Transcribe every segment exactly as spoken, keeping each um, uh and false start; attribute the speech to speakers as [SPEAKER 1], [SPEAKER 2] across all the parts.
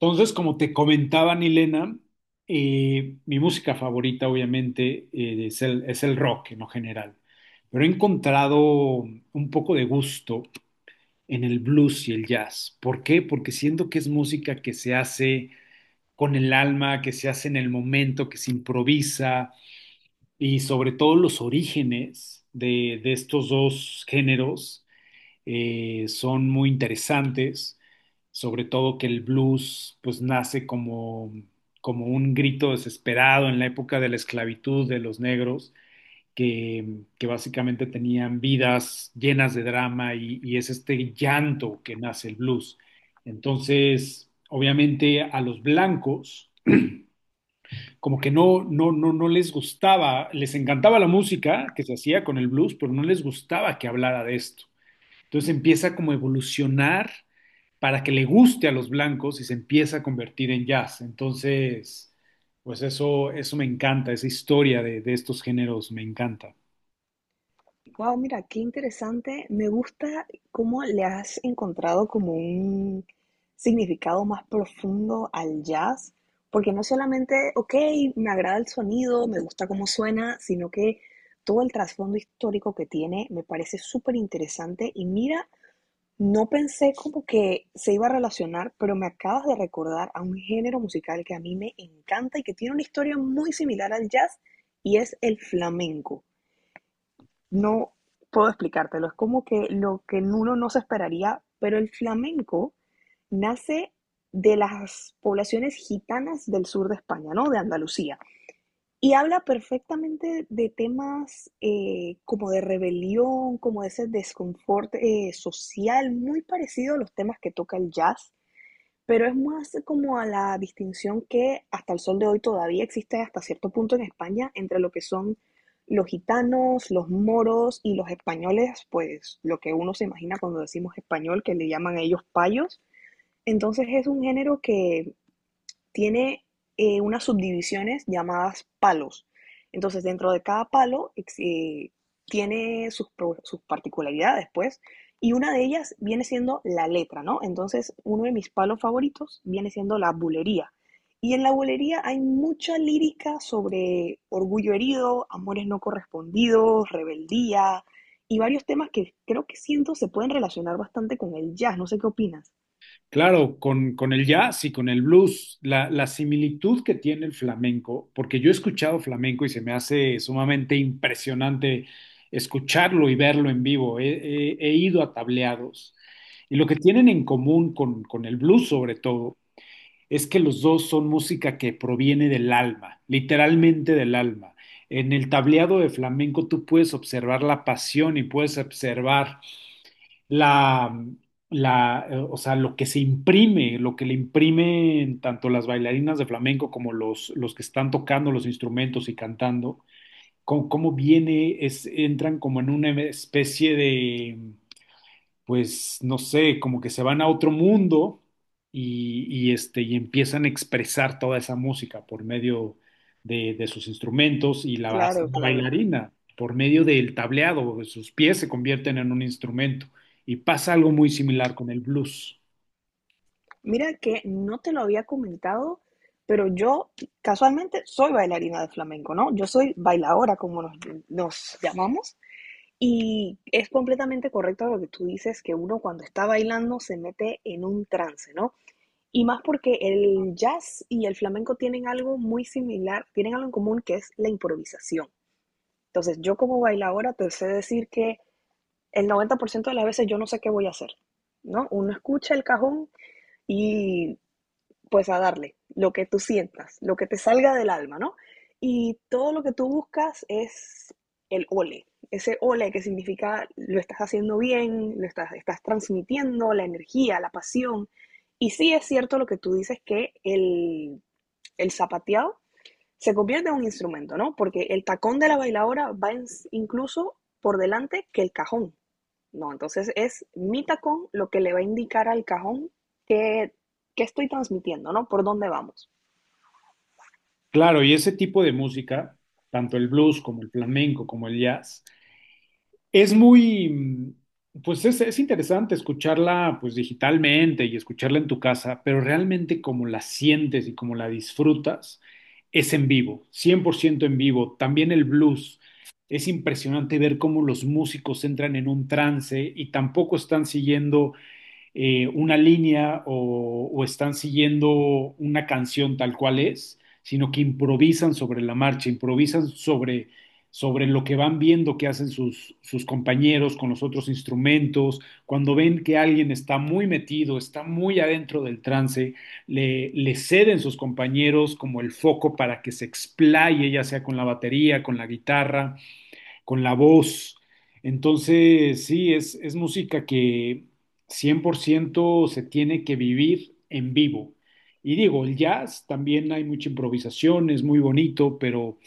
[SPEAKER 1] Entonces, como te comentaba Nilena, eh, mi música favorita obviamente eh, es el, es el rock en lo general, pero he encontrado un poco de gusto en el blues y el jazz. ¿Por qué? Porque siento que es música que se hace con el alma, que se hace en el momento, que se improvisa y sobre todo los orígenes de, de estos dos géneros eh, son muy interesantes, sobre todo que el blues pues nace como, como un grito desesperado en la época de la esclavitud de los negros, que, que básicamente tenían vidas llenas de drama y, y es este llanto que nace el blues. Entonces, obviamente a los blancos como que no, no, no, no les gustaba, les encantaba la música que se hacía con el blues, pero no les gustaba que hablara de esto. Entonces empieza como a evolucionar para que le guste a los blancos y se empieza a convertir en jazz. Entonces, pues eso, eso me encanta, esa historia de, de estos géneros me encanta.
[SPEAKER 2] Wow, mira, qué interesante. Me gusta cómo le has encontrado como un significado más profundo al jazz, porque no solamente, ok, me agrada el sonido, me gusta cómo suena, sino que todo el trasfondo histórico que tiene me parece súper interesante. Y mira, no pensé como que se iba a relacionar, pero me acabas de recordar a un género musical que a mí me encanta y que tiene una historia muy similar al jazz, y es el flamenco. No puedo explicártelo, es como que lo que uno no se esperaría, pero el flamenco nace de las poblaciones gitanas del sur de España, ¿no? De Andalucía. Y habla perfectamente de temas eh, como de rebelión, como de ese desconfort eh, social, muy parecido a los temas que toca el jazz, pero es más como a la distinción que hasta el sol de hoy todavía existe hasta cierto punto en España entre lo que son los gitanos, los moros y los españoles, pues lo que uno se imagina cuando decimos español, que le llaman a ellos payos. Entonces es un género que tiene eh, unas subdivisiones llamadas palos. Entonces, dentro de cada palo eh, tiene sus, sus, particularidades, pues, y una de ellas viene siendo la letra, ¿no? Entonces, uno de mis palos favoritos viene siendo la bulería. Y en la bulería hay mucha lírica sobre orgullo herido, amores no correspondidos, rebeldía y varios temas que creo que siento se pueden relacionar bastante con el jazz. No sé qué opinas.
[SPEAKER 1] Claro, con, con el jazz y con el blues, la, la similitud que tiene el flamenco, porque yo he escuchado flamenco y se me hace sumamente impresionante escucharlo y verlo en vivo. He, he- he ido a tableados y lo que tienen en común con, con el blues sobre todo es que los dos son música que proviene del alma, literalmente del alma. En el tableado de flamenco tú puedes observar la pasión y puedes observar la, la, eh, o sea, lo que se imprime, lo que le imprimen tanto las bailarinas de flamenco como los, los que están tocando los instrumentos y cantando, cómo, cómo viene, es, entran como en una especie de pues no sé, como que se van a otro mundo y, y, este, y empiezan a expresar toda esa música por medio de, de sus instrumentos y la hace
[SPEAKER 2] Claro,
[SPEAKER 1] una
[SPEAKER 2] claro.
[SPEAKER 1] bailarina, por medio del tableado, sus pies se convierten en un instrumento y pasa algo muy similar con el blues.
[SPEAKER 2] Mira que no te lo había comentado, pero yo casualmente soy bailarina de flamenco, ¿no? Yo soy bailadora, como nos, nos llamamos, y es completamente correcto lo que tú dices, que uno cuando está bailando se mete en un trance, ¿no? Y más porque el jazz y el flamenco tienen algo muy similar, tienen algo en común que es la improvisación. Entonces, yo como bailadora te sé decir que el noventa por ciento de las veces yo no sé qué voy a hacer, ¿no? Uno escucha el cajón y pues a darle lo que tú sientas, lo que te salga del alma, ¿no? Y todo lo que tú buscas es el ole, ese ole que significa lo estás haciendo bien, lo estás, estás transmitiendo, la energía, la pasión. Y sí es cierto lo que tú dices que el, el zapateado se convierte en un instrumento, ¿no? Porque el tacón de la bailadora va en- incluso por delante que el cajón. No, entonces es mi tacón lo que le va a indicar al cajón que, que estoy transmitiendo, ¿no? Por dónde vamos.
[SPEAKER 1] Claro, y ese tipo de música, tanto el blues como el flamenco, como el jazz, es muy, pues es, es interesante escucharla pues digitalmente y escucharla en tu casa, pero realmente como la sientes y como la disfrutas es en vivo, cien por ciento en vivo. También el blues. Es impresionante ver cómo los músicos entran en un trance y tampoco están siguiendo eh, una línea o, o están siguiendo una canción tal cual es, sino que improvisan sobre la marcha, improvisan sobre sobre lo que van viendo que hacen sus, sus, compañeros con los otros instrumentos, cuando ven que alguien está muy metido, está muy adentro del trance, le, le, ceden sus compañeros como el foco para que se explaye, ya sea con la batería, con la guitarra, con la voz. Entonces, sí, es, es música que cien por ciento se tiene que vivir en vivo. Y digo, el jazz también hay mucha improvisación, es muy bonito, pero,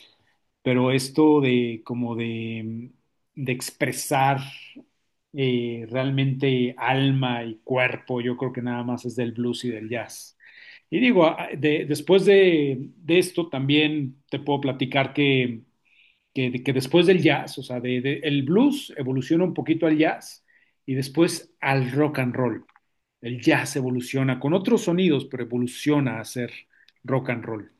[SPEAKER 1] pero esto de como de, de expresar eh, realmente alma y cuerpo, yo creo que nada más es del blues y del jazz. Y digo, a- de- después de, de esto también te puedo platicar que que, que después del jazz, o sea, de, de, el blues evoluciona un poquito al jazz y después al rock and roll. El jazz evoluciona con otros sonidos, pero evoluciona a ser rock and roll.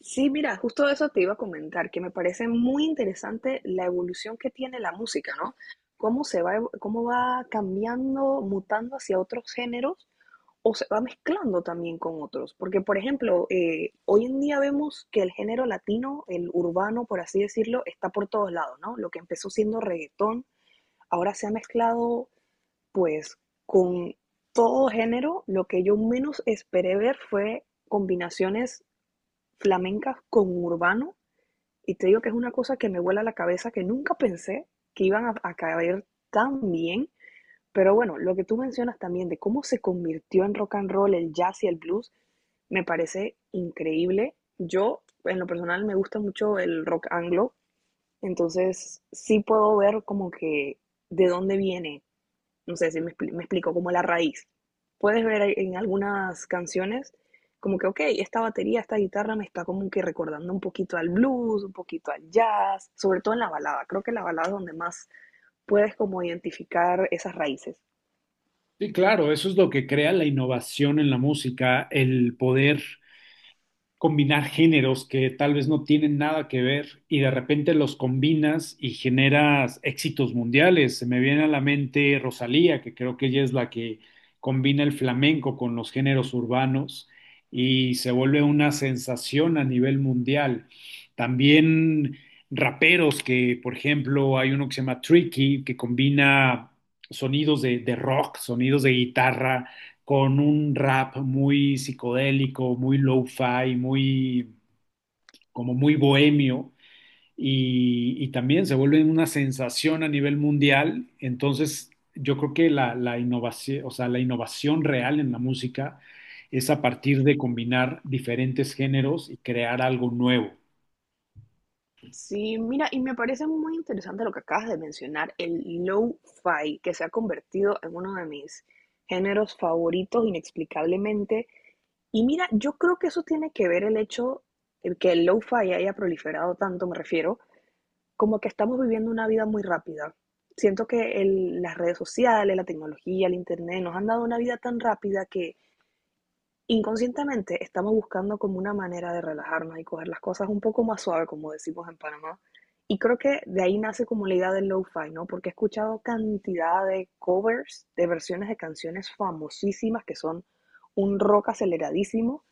[SPEAKER 2] Sí, mira, justo eso te iba a comentar, que me parece muy interesante la evolución que tiene la música, ¿no? Cómo se va, evo- cómo va cambiando, mutando hacia otros géneros o se va mezclando también con otros. Porque, por ejemplo, eh, hoy en día vemos que el género latino, el urbano, por así decirlo, está por todos lados, ¿no? Lo que empezó siendo reggaetón, ahora se ha mezclado pues con todo género, lo que yo menos esperé ver fue combinaciones flamencas con urbano. Y te digo que es una cosa que me vuela la cabeza, que nunca pensé que iban a, a caer tan bien. Pero bueno, lo que tú mencionas también de cómo se convirtió en rock and roll el jazz y el blues, me parece increíble. Yo, en lo personal, me gusta mucho el rock anglo, entonces sí puedo ver como que de dónde viene no sé si me, expli- me explico, como la raíz. Puedes ver en algunas canciones como que, ok, esta batería, esta guitarra me está como que recordando un poquito al blues, un poquito al jazz, sobre todo en la balada. Creo que la balada es donde más puedes como identificar esas raíces.
[SPEAKER 1] Sí, claro, eso es lo que crea la innovación en la música, el poder combinar géneros que tal vez no tienen nada que ver y de repente los combinas y generas éxitos mundiales. Se me viene a la mente Rosalía, que creo que ella es la que combina el flamenco con los géneros urbanos y se vuelve una sensación a nivel mundial. También raperos que, por ejemplo, hay uno que se llama Tricky, que combina sonidos de, de rock, sonidos de guitarra con un rap muy psicodélico, muy lo-fi, muy, como muy bohemio, y, y también se vuelve una sensación a nivel mundial. Entonces, yo creo que la, la innovación, o sea, la innovación real en la música es a partir de combinar diferentes géneros y crear algo nuevo.
[SPEAKER 2] Sí, mira, y me parece muy interesante lo que acabas de mencionar, el lo-fi, que se ha convertido en uno de mis géneros favoritos inexplicablemente. Y mira, yo creo que eso tiene que ver el hecho de que el lo-fi haya proliferado tanto, me refiero, como que estamos viviendo una vida muy rápida. Siento que el- las redes sociales, la tecnología, el internet nos han dado una vida tan rápida que inconscientemente estamos buscando como una manera de relajarnos y coger las cosas un poco más suave, como decimos en Panamá. Y creo que de ahí nace como la idea del lo-fi, ¿no? Porque he escuchado cantidad de covers, de versiones de canciones famosísimas que son un rock aceleradísimo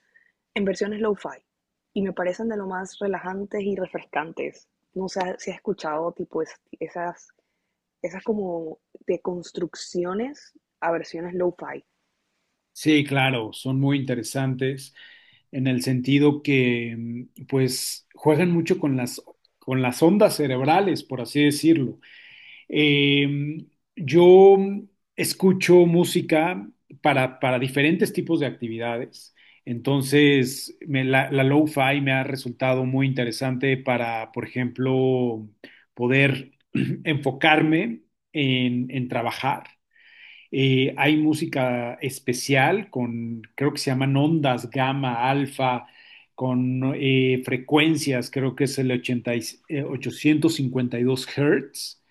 [SPEAKER 2] en versiones lo-fi y me parecen de lo más relajantes y refrescantes. No sé si has escuchado tipo es- esas, esas como de construcciones a versiones lo-fi.
[SPEAKER 1] Sí, claro, son muy interesantes en el sentido que, mm, pues, juegan mucho con las, con las ondas cerebrales, por así decirlo. Eh, yo escucho música para, para diferentes tipos de actividades. Entonces, me- la, la lo-fi me ha resultado muy interesante para, por ejemplo, poder enfocarme en, en trabajar. Eh, hay música especial con, creo que se llaman ondas, gamma, alfa, con eh, frecuencias, creo que es el ochenta y- eh, ochocientos cincuenta y dos Hz,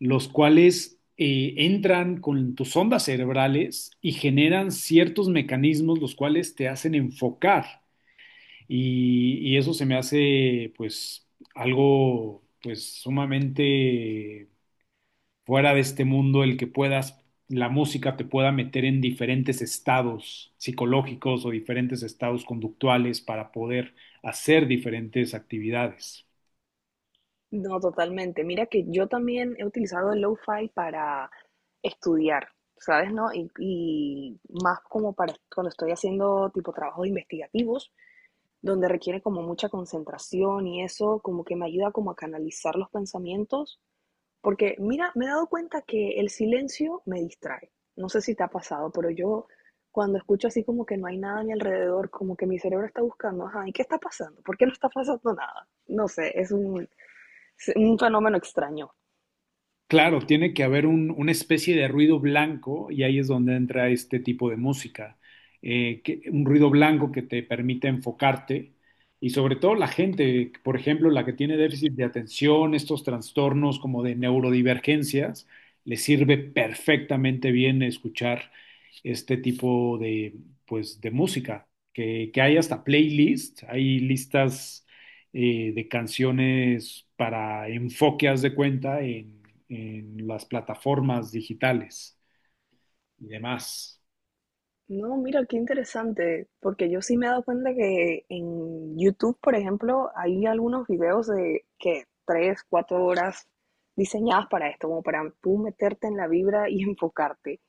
[SPEAKER 1] los cuales eh, entran con tus ondas cerebrales y generan ciertos mecanismos los cuales te hacen enfocar. Y, y eso se me hace pues algo pues sumamente fuera de este mundo el que puedas la música te pueda meter en diferentes estados psicológicos o diferentes estados conductuales para poder hacer diferentes actividades.
[SPEAKER 2] No, totalmente. Mira que yo también he utilizado el lo-fi para estudiar, ¿sabes? ¿No? Y, y más como para cuando estoy haciendo tipo trabajos investigativos, donde requiere como mucha concentración y eso como que me ayuda como a canalizar los pensamientos. Porque mira, me he dado cuenta que el silencio me distrae. No sé si te ha pasado, pero yo cuando escucho así como que no hay nada a mi alrededor, como que mi cerebro está buscando, ajá, ¿y qué está pasando? ¿Por qué no está pasando nada? No sé, es un, es un fenómeno extraño.
[SPEAKER 1] Claro, tiene que haber un- una especie de ruido blanco y ahí es donde entra este tipo de música. Eh, que- un ruido blanco que te permite enfocarte y sobre todo la gente, por ejemplo, la que tiene déficit de atención, estos trastornos como de neurodivergencias, le sirve perfectamente bien escuchar este tipo de, pues, de música, que, que hay hasta playlists, hay listas eh, de canciones para enfoque, haz de cuenta, en, en las plataformas digitales y demás.
[SPEAKER 2] No, mira, qué interesante, porque yo sí me he dado cuenta que en YouTube, por ejemplo, hay algunos videos de que tres, cuatro horas diseñadas para esto, como para tú meterte en la vibra y enfocarte.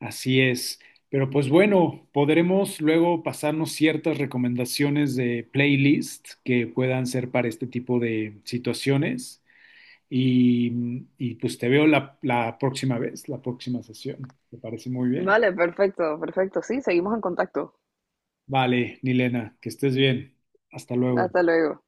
[SPEAKER 1] Así es. Pero pues bueno, podremos luego pasarnos ciertas recomendaciones de playlist que puedan ser para este tipo de situaciones. Y, mm, y, pues te veo la, la próxima vez, la próxima sesión. Me parece muy bien.
[SPEAKER 2] Vale, perfecto, perfecto. Sí, seguimos en contacto.
[SPEAKER 1] Vale, Nilena, que estés bien. Hasta luego.
[SPEAKER 2] Hasta luego.